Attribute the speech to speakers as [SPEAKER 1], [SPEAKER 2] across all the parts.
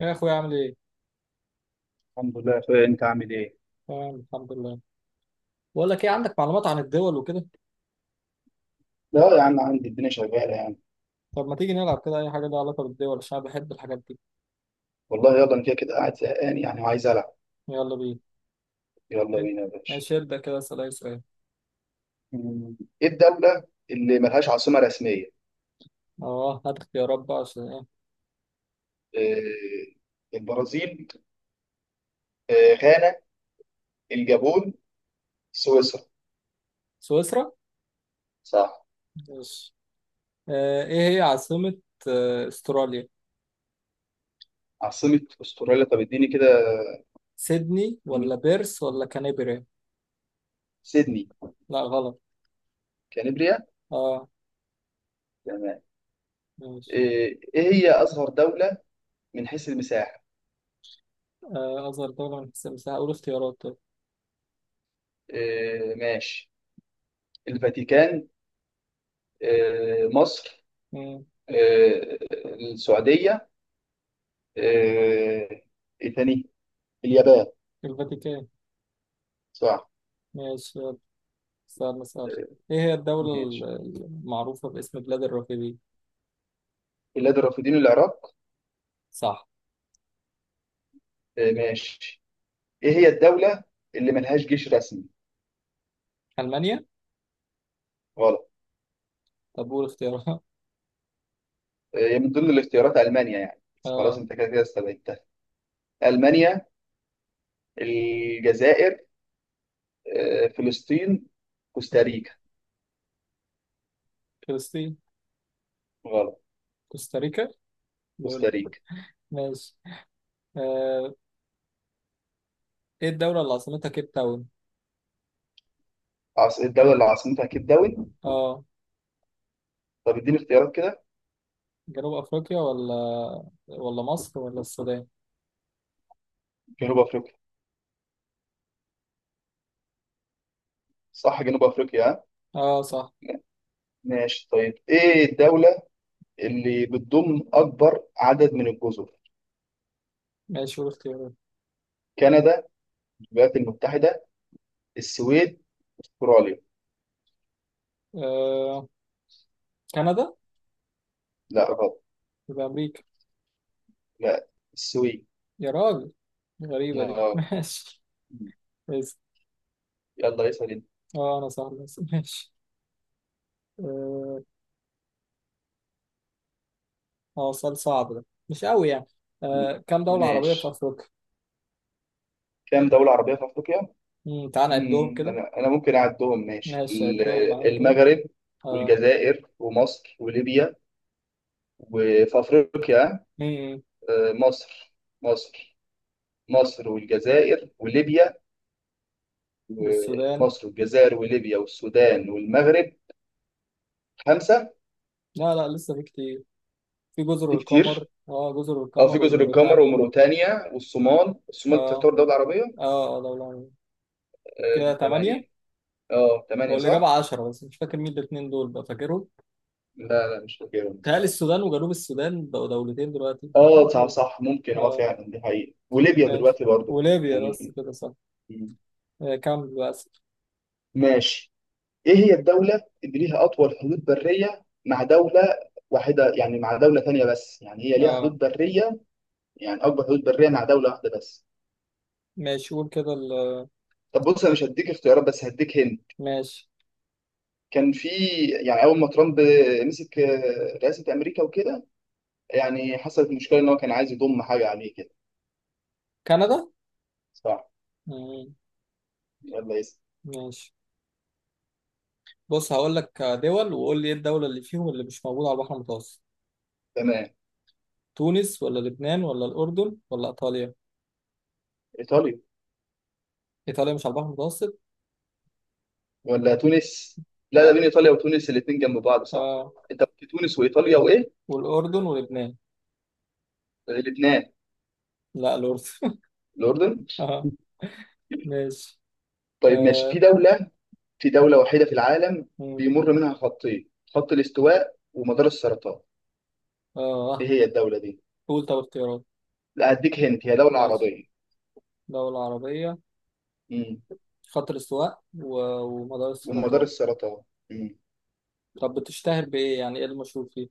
[SPEAKER 1] يا اخويا عامل ايه؟
[SPEAKER 2] الحمد لله يا اخويا انت عامل ايه؟
[SPEAKER 1] تمام، الحمد لله. بقول لك ايه، عندك معلومات عن الدول وكده؟
[SPEAKER 2] لا يا عم عندي الدنيا شغالة يعني.
[SPEAKER 1] طب ما تيجي نلعب كده اي حاجه لها علاقه بالدول، عشان انا بحب الحاجات دي.
[SPEAKER 2] والله يلا انا كده كده قاعد زهقان يعني وعايز ألعب.
[SPEAKER 1] يلا بينا.
[SPEAKER 2] يلا بينا يا باشا.
[SPEAKER 1] ماشي، ابدا كده اسال اي سؤال.
[SPEAKER 2] مم. ايه الدولة اللي ملهاش عاصمة رسمية؟
[SPEAKER 1] اه، هات اختيارات بقى عشان ايه.
[SPEAKER 2] إيه، البرازيل، إيه غانا، الجابون، سويسرا.
[SPEAKER 1] سويسرا؟
[SPEAKER 2] صح.
[SPEAKER 1] ماشي. آه، ايه هي عاصمه استراليا؟
[SPEAKER 2] عاصمة استراليا طب اديني كده.
[SPEAKER 1] سيدني ولا
[SPEAKER 2] اديني.
[SPEAKER 1] بيرس ولا كانبري؟
[SPEAKER 2] سيدني.
[SPEAKER 1] لا، غلط.
[SPEAKER 2] كانبريا.
[SPEAKER 1] اه.
[SPEAKER 2] تمام.
[SPEAKER 1] ماشي.
[SPEAKER 2] إيه إيه هي أصغر دولة من حيث المساحة؟
[SPEAKER 1] آه، اصغر دوله من حيث المساحه، اقول اختيارات طيب.
[SPEAKER 2] إيه ماشي. الفاتيكان، إيه مصر،
[SPEAKER 1] مم.
[SPEAKER 2] آه، السعودية، آه، ايه تاني، اليابان.
[SPEAKER 1] الفاتيكان.
[SPEAKER 2] صح.
[SPEAKER 1] ماشي، يلا، سؤال مسألة.
[SPEAKER 2] آه،
[SPEAKER 1] ايه هي الدوله
[SPEAKER 2] ماشي.
[SPEAKER 1] المعروفه باسم بلاد الرافدين؟
[SPEAKER 2] بلاد الرافدين العراق.
[SPEAKER 1] صح.
[SPEAKER 2] ماشي. ايه هي الدولة اللي ملهاش جيش رسمي؟
[SPEAKER 1] ألمانيا.
[SPEAKER 2] غلط.
[SPEAKER 1] طب قول اختيارها.
[SPEAKER 2] هي من ضمن الاختيارات ألمانيا يعني بس خلاص
[SPEAKER 1] آه.
[SPEAKER 2] انت كده كده استبعدتها. ألمانيا، الجزائر، فلسطين،
[SPEAKER 1] مم.
[SPEAKER 2] كوستاريكا.
[SPEAKER 1] فلسطين.
[SPEAKER 2] غلط.
[SPEAKER 1] كوستاريكا. لول.
[SPEAKER 2] كوستاريكا.
[SPEAKER 1] ماشي. آه. إيه الدولة اللي عاصمتها كيب تاون؟
[SPEAKER 2] الدولة اللي عاصمتها كيب داون.
[SPEAKER 1] آه.
[SPEAKER 2] طب اديني اختيارات كده.
[SPEAKER 1] جنوب أفريقيا ولا مصر ولا السودان؟
[SPEAKER 2] جنوب افريقيا. صح جنوب افريقيا ها؟
[SPEAKER 1] آه، صح.
[SPEAKER 2] ماشي طيب. ايه الدولة اللي بتضم أكبر عدد من الجزر؟
[SPEAKER 1] ماشي، قول اختيارها.
[SPEAKER 2] كندا، الولايات المتحدة، السويد، أستراليا.
[SPEAKER 1] آه. كندا.
[SPEAKER 2] لا غلط.
[SPEAKER 1] يبقى أمريكا.
[SPEAKER 2] لا السويد.
[SPEAKER 1] يا راجل! غريبة دي.
[SPEAKER 2] آه.
[SPEAKER 1] ماشي. بس.
[SPEAKER 2] يلا اسأل انت.
[SPEAKER 1] آه، أنا صح. بس ماشي. آه. آه، سؤال صعب ده مش قوي يعني.
[SPEAKER 2] مم.
[SPEAKER 1] آه، كم دولة عربية في
[SPEAKER 2] ماشي.
[SPEAKER 1] أفريقيا؟
[SPEAKER 2] كام دولة عربية في أفريقيا؟
[SPEAKER 1] مم، تعال نعدهم
[SPEAKER 2] مم.
[SPEAKER 1] كده.
[SPEAKER 2] أنا ممكن أعدهم ماشي
[SPEAKER 1] ماشي عدهم معايا كده.
[SPEAKER 2] المغرب
[SPEAKER 1] آه.
[SPEAKER 2] والجزائر ومصر وليبيا وفي أفريقيا،
[SPEAKER 1] م- م.
[SPEAKER 2] مصر، مصر مصر والجزائر وليبيا،
[SPEAKER 1] والسودان.
[SPEAKER 2] ومصر والجزائر وليبيا والسودان والمغرب خمسة.
[SPEAKER 1] لا لا، لسه في كتير. في جزر
[SPEAKER 2] في
[SPEAKER 1] القمر،
[SPEAKER 2] كتير،
[SPEAKER 1] اه جزر
[SPEAKER 2] اه في
[SPEAKER 1] القمر
[SPEAKER 2] جزر القمر
[SPEAKER 1] وموريتانيا.
[SPEAKER 2] وموريتانيا والصومال، الصومال
[SPEAKER 1] اه
[SPEAKER 2] تعتبر دولة عربية.
[SPEAKER 1] اه، اه دولة عربية.
[SPEAKER 2] آه
[SPEAKER 1] كده
[SPEAKER 2] دي
[SPEAKER 1] تمانية.
[SPEAKER 2] ثمانية. اه
[SPEAKER 1] هو
[SPEAKER 2] ثمانية
[SPEAKER 1] اللي جاب
[SPEAKER 2] صح؟
[SPEAKER 1] عشرة بس مش فاكر مين الاتنين دول، بقى فاكرهم؟
[SPEAKER 2] لا لا مش فاكرهم
[SPEAKER 1] تهيألي
[SPEAKER 2] بصراحة.
[SPEAKER 1] السودان وجنوب السودان بقوا دولتين دلوقتي،
[SPEAKER 2] اه
[SPEAKER 1] حاجة
[SPEAKER 2] صح
[SPEAKER 1] كده.
[SPEAKER 2] صح ممكن، اه
[SPEAKER 1] اه.
[SPEAKER 2] فعلا دي حقيقة، وليبيا
[SPEAKER 1] ماشي.
[SPEAKER 2] دلوقتي برضو
[SPEAKER 1] وليبيا بس،
[SPEAKER 2] يعني.
[SPEAKER 1] كده صح.
[SPEAKER 2] مم.
[SPEAKER 1] آه كام، للأسف.
[SPEAKER 2] ماشي. ايه هي الدولة اللي ليها أطول حدود برية مع دولة واحدة؟ يعني مع دولة ثانية بس، يعني هي ليها حدود
[SPEAKER 1] اه،
[SPEAKER 2] برية، يعني أكبر حدود برية مع دولة واحدة بس.
[SPEAKER 1] ماشي، قول كده
[SPEAKER 2] طب بص أنا مش هديك اختيارات بس هديك هند.
[SPEAKER 1] ماشي.
[SPEAKER 2] كان في يعني أول ما ترامب مسك رئاسة أمريكا وكده، يعني حصلت مشكلة إن هو كان عايز يضم حاجة عليه كده.
[SPEAKER 1] كندا.
[SPEAKER 2] صح.
[SPEAKER 1] مم.
[SPEAKER 2] يلا يس.
[SPEAKER 1] ماشي. بص هقول لك دول وقول لي ايه الدولة اللي فيهم اللي مش موجودة على البحر المتوسط.
[SPEAKER 2] تمام.
[SPEAKER 1] تونس ولا لبنان ولا الأردن ولا إيطاليا؟
[SPEAKER 2] إيطاليا،
[SPEAKER 1] إيطاليا مش على البحر المتوسط.
[SPEAKER 2] ولا تونس، لا ده
[SPEAKER 1] لا.
[SPEAKER 2] بين إيطاليا وتونس الاتنين جنب بعض صح.
[SPEAKER 1] آه،
[SPEAKER 2] أنت في تونس وإيطاليا وإيه؟
[SPEAKER 1] والأردن ولبنان.
[SPEAKER 2] الاتنين.
[SPEAKER 1] لا، الأردن.
[SPEAKER 2] الأردن.
[SPEAKER 1] آه. ماشي.
[SPEAKER 2] طيب ماشي.
[SPEAKER 1] آه.
[SPEAKER 2] في دولة وحيدة في العالم
[SPEAKER 1] مم.
[SPEAKER 2] بيمر منها خطين خط الاستواء ومدار السرطان. إيه
[SPEAKER 1] آه.
[SPEAKER 2] هي الدولة دي؟
[SPEAKER 1] قول طب اختيارات.
[SPEAKER 2] لا هديك هنت هي دولة
[SPEAKER 1] ماشي.
[SPEAKER 2] عربية.
[SPEAKER 1] دولة عربية.
[SPEAKER 2] امم.
[SPEAKER 1] خط الاستواء ومدار
[SPEAKER 2] ومدار
[SPEAKER 1] السرطان.
[SPEAKER 2] السرطان. امم.
[SPEAKER 1] طب بتشتهر بإيه، يعني إيه المشهور فيه؟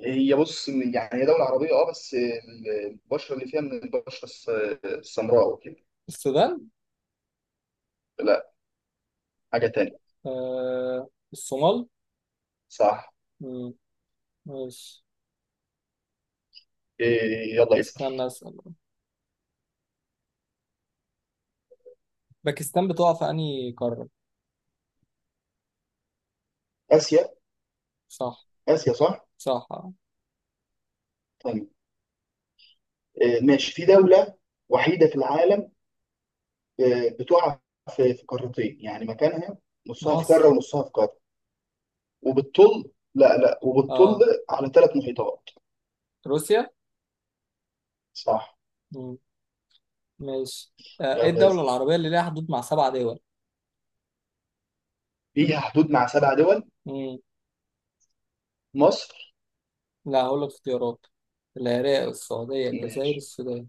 [SPEAKER 2] هي بص يعني هي دولة عربية اه بس البشرة اللي فيها من البشرة السمراء وكده.
[SPEAKER 1] السودان.
[SPEAKER 2] لا، حاجة تانية.
[SPEAKER 1] آه، الصومال.
[SPEAKER 2] صح.
[SPEAKER 1] مم. ماشي.
[SPEAKER 2] إيه يلا اسأل.
[SPEAKER 1] استنى أسأل. باكستان بتقع في أنهي قارة؟
[SPEAKER 2] آسيا.
[SPEAKER 1] صح.
[SPEAKER 2] آسيا صح.
[SPEAKER 1] صح. آه.
[SPEAKER 2] طيب إيه ماشي. في دولة وحيدة في العالم، إيه بتقع في قارتين، يعني مكانها نصها في
[SPEAKER 1] مصر.
[SPEAKER 2] قارة ونصها في قارة وبتطل، لا وبتطل
[SPEAKER 1] اه.
[SPEAKER 2] على ثلاث محيطات.
[SPEAKER 1] روسيا.
[SPEAKER 2] صح.
[SPEAKER 1] ماشي. آه، ايه
[SPEAKER 2] يلا
[SPEAKER 1] الدولة
[SPEAKER 2] اسأل.
[SPEAKER 1] العربية اللي ليها حدود مع سبع دول؟
[SPEAKER 2] فيها حدود مع سبع دول.
[SPEAKER 1] مم.
[SPEAKER 2] مصر.
[SPEAKER 1] لا، هقول لك اختيارات. العراق، السعودية، الجزائر،
[SPEAKER 2] ماشي.
[SPEAKER 1] السودان.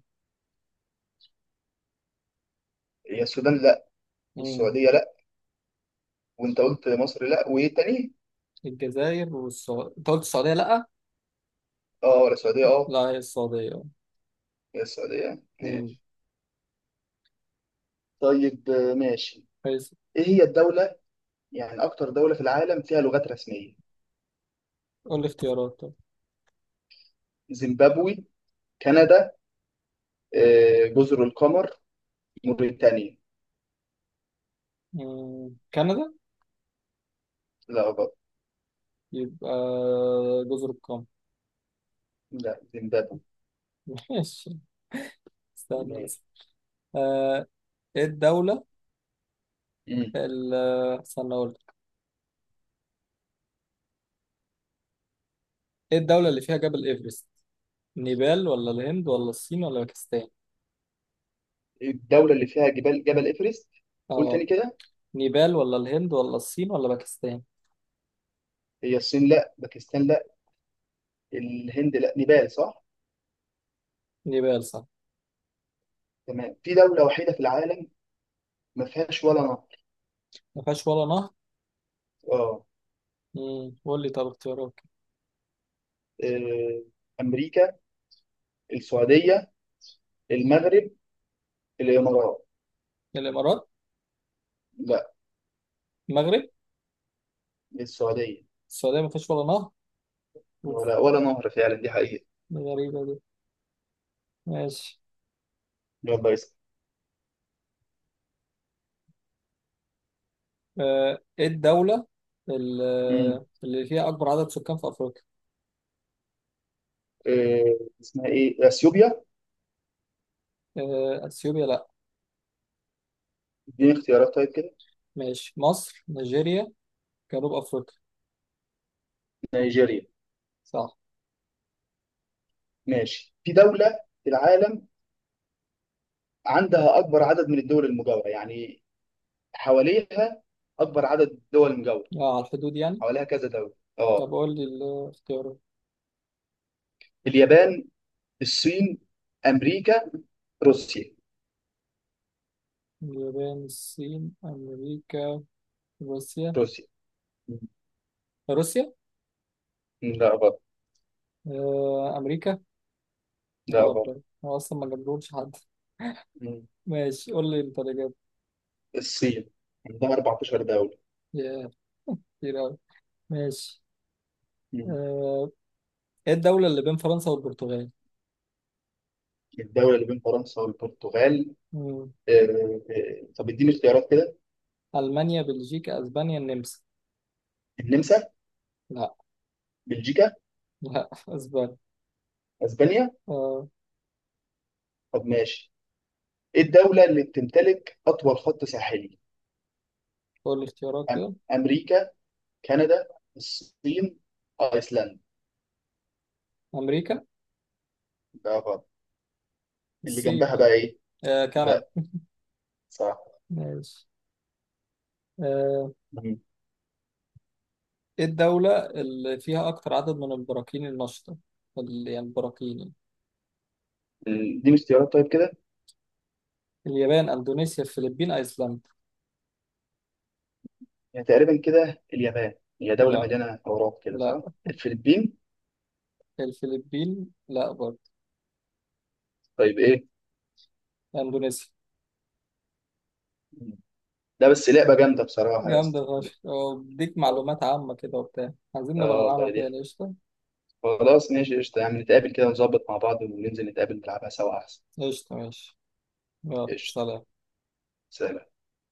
[SPEAKER 2] هي السودان لا،
[SPEAKER 1] مم.
[SPEAKER 2] والسعودية لا، وانت قلت مصر لا، وايه تاني؟
[SPEAKER 1] الجزائر والسعودية، انت قلت السعودية لأ؟
[SPEAKER 2] اه ولا السعودية اه.
[SPEAKER 1] لا، هي السعودية.
[SPEAKER 2] هي السعودية
[SPEAKER 1] مم.
[SPEAKER 2] ماشي. طيب ماشي.
[SPEAKER 1] كويس.
[SPEAKER 2] ايه هي الدولة يعني أكتر دولة في العالم فيها لغات رسمية؟
[SPEAKER 1] قول لي اختيارات طب.
[SPEAKER 2] زيمبابوي، كندا، جزر القمر، موريتانيا.
[SPEAKER 1] مم. كندا.
[SPEAKER 2] لا غلط.
[SPEAKER 1] يبقى جزر القمر.
[SPEAKER 2] لا زيمبابوي.
[SPEAKER 1] ماشي. استنى
[SPEAKER 2] ماشي.
[SPEAKER 1] بس. آه، ايه الدولة
[SPEAKER 2] مم.
[SPEAKER 1] ال- استنى اقول لك. ايه الدولة اللي فيها جبل ايفرست؟ نيبال ولا الهند ولا الصين ولا باكستان؟
[SPEAKER 2] الدولة اللي فيها جبال جبل إيفرست. قول
[SPEAKER 1] اه.
[SPEAKER 2] تاني كده.
[SPEAKER 1] نيبال ولا الهند ولا الصين ولا باكستان.
[SPEAKER 2] هي الصين لا، باكستان لا، الهند لا، نيبال صح.
[SPEAKER 1] نيبال صح.
[SPEAKER 2] تمام. في دولة وحيدة في العالم ما فيهاش ولا نهر.
[SPEAKER 1] ما فيهاش ولا نهر.
[SPEAKER 2] اه.
[SPEAKER 1] امم، قول لي طب اختيارات كده.
[SPEAKER 2] آه، أمريكا، السعودية، المغرب، الإمارات.
[SPEAKER 1] الامارات.
[SPEAKER 2] لا
[SPEAKER 1] المغرب.
[SPEAKER 2] السعودية.
[SPEAKER 1] السعوديه ما فيهاش ولا نهر. اوف.
[SPEAKER 2] ولا ولا نهر فعلا دي حقيقة.
[SPEAKER 1] دي غريبه دي. ماشي.
[SPEAKER 2] يلا
[SPEAKER 1] آه، ايه الدوله ال-
[SPEAKER 2] اسأل.
[SPEAKER 1] اللي فيها اكبر عدد سكان في افريقيا.
[SPEAKER 2] اسمها ايه اثيوبيا.
[SPEAKER 1] آه، اثيوبيا لا.
[SPEAKER 2] اديني اختيارات طيب كده.
[SPEAKER 1] ماشي، مصر، نيجيريا، جنوب افريقيا.
[SPEAKER 2] نيجيريا.
[SPEAKER 1] صح.
[SPEAKER 2] ماشي. في دولة في العالم عندها أكبر عدد من الدول المجاورة، يعني حواليها أكبر عدد دول مجاورة،
[SPEAKER 1] اه، على الحدود يعني.
[SPEAKER 2] حواليها كذا دولة. اه.
[SPEAKER 1] طب قول لي الاختيارات.
[SPEAKER 2] اليابان، الصين، أمريكا، روسيا.
[SPEAKER 1] اليابان، الصين، امريكا، روسيا.
[SPEAKER 2] روسيا. مم.
[SPEAKER 1] روسيا.
[SPEAKER 2] لا غلط.
[SPEAKER 1] آه، امريكا.
[SPEAKER 2] لا
[SPEAKER 1] غلط
[SPEAKER 2] غلط.
[SPEAKER 1] بقى، هو أصلا ما جابلهمش حد.
[SPEAKER 2] مم.
[SPEAKER 1] ماشي، قول لي أنت اللي جاب.
[SPEAKER 2] الصين عندها 14 دولة.
[SPEAKER 1] ياه! كتير أوي. ماشي.
[SPEAKER 2] مم.
[SPEAKER 1] آه، إيه الدولة اللي بين فرنسا والبرتغال؟
[SPEAKER 2] الدولة اللي بين فرنسا والبرتغال.
[SPEAKER 1] مم.
[SPEAKER 2] طب اديني اختيارات كده.
[SPEAKER 1] ألمانيا، بلجيكا، أسبانيا، النمسا.
[SPEAKER 2] النمسا،
[SPEAKER 1] لا.
[SPEAKER 2] بلجيكا،
[SPEAKER 1] لا. أسبانيا.
[SPEAKER 2] اسبانيا.
[SPEAKER 1] آه،
[SPEAKER 2] طب ماشي. الدولة اللي بتمتلك أطول خط ساحلي.
[SPEAKER 1] قول لي اختيارات
[SPEAKER 2] أم-
[SPEAKER 1] كده.
[SPEAKER 2] أمريكا، كندا، الصين، أيسلندا.
[SPEAKER 1] أمريكا.
[SPEAKER 2] ده غلط. اللي
[SPEAKER 1] الصين
[SPEAKER 2] جنبها
[SPEAKER 1] بقى.
[SPEAKER 2] بقى إيه؟
[SPEAKER 1] آه، كندا.
[SPEAKER 2] لا صح.
[SPEAKER 1] ماشي. آه،
[SPEAKER 2] مم.
[SPEAKER 1] إيه الدولة اللي فيها أكتر عدد من البراكين النشطة؟ يعني البراكين يعني.
[SPEAKER 2] دي مش اختيارات طيب كده.
[SPEAKER 1] اليابان، أندونيسيا، الفلبين، أيسلندا.
[SPEAKER 2] يعني تقريبا كده اليابان، هي دولة
[SPEAKER 1] لا.
[SPEAKER 2] مليانة أوراق كده
[SPEAKER 1] لا.
[SPEAKER 2] صح؟ الفلبين.
[SPEAKER 1] الفلبين لا برضه.
[SPEAKER 2] طيب إيه؟
[SPEAKER 1] أندونيسيا.
[SPEAKER 2] مم. لا بس لعبة جامدة بصراحة يا اسطى.
[SPEAKER 1] جامدة فشخ، أه، بديك
[SPEAKER 2] آه.
[SPEAKER 1] معلومات عامة كده وبتاع، عايزين نبقى
[SPEAKER 2] آه
[SPEAKER 1] نلعبها
[SPEAKER 2] والله دي.
[SPEAKER 1] تاني، قشطة.
[SPEAKER 2] خلاص ماشي قشطة، يعني نتقابل كده ونظبط مع بعض وننزل نتقابل نلعبها سوا أحسن.
[SPEAKER 1] قشطة ماشي. يلا
[SPEAKER 2] قشطة.
[SPEAKER 1] سلام.
[SPEAKER 2] سلام.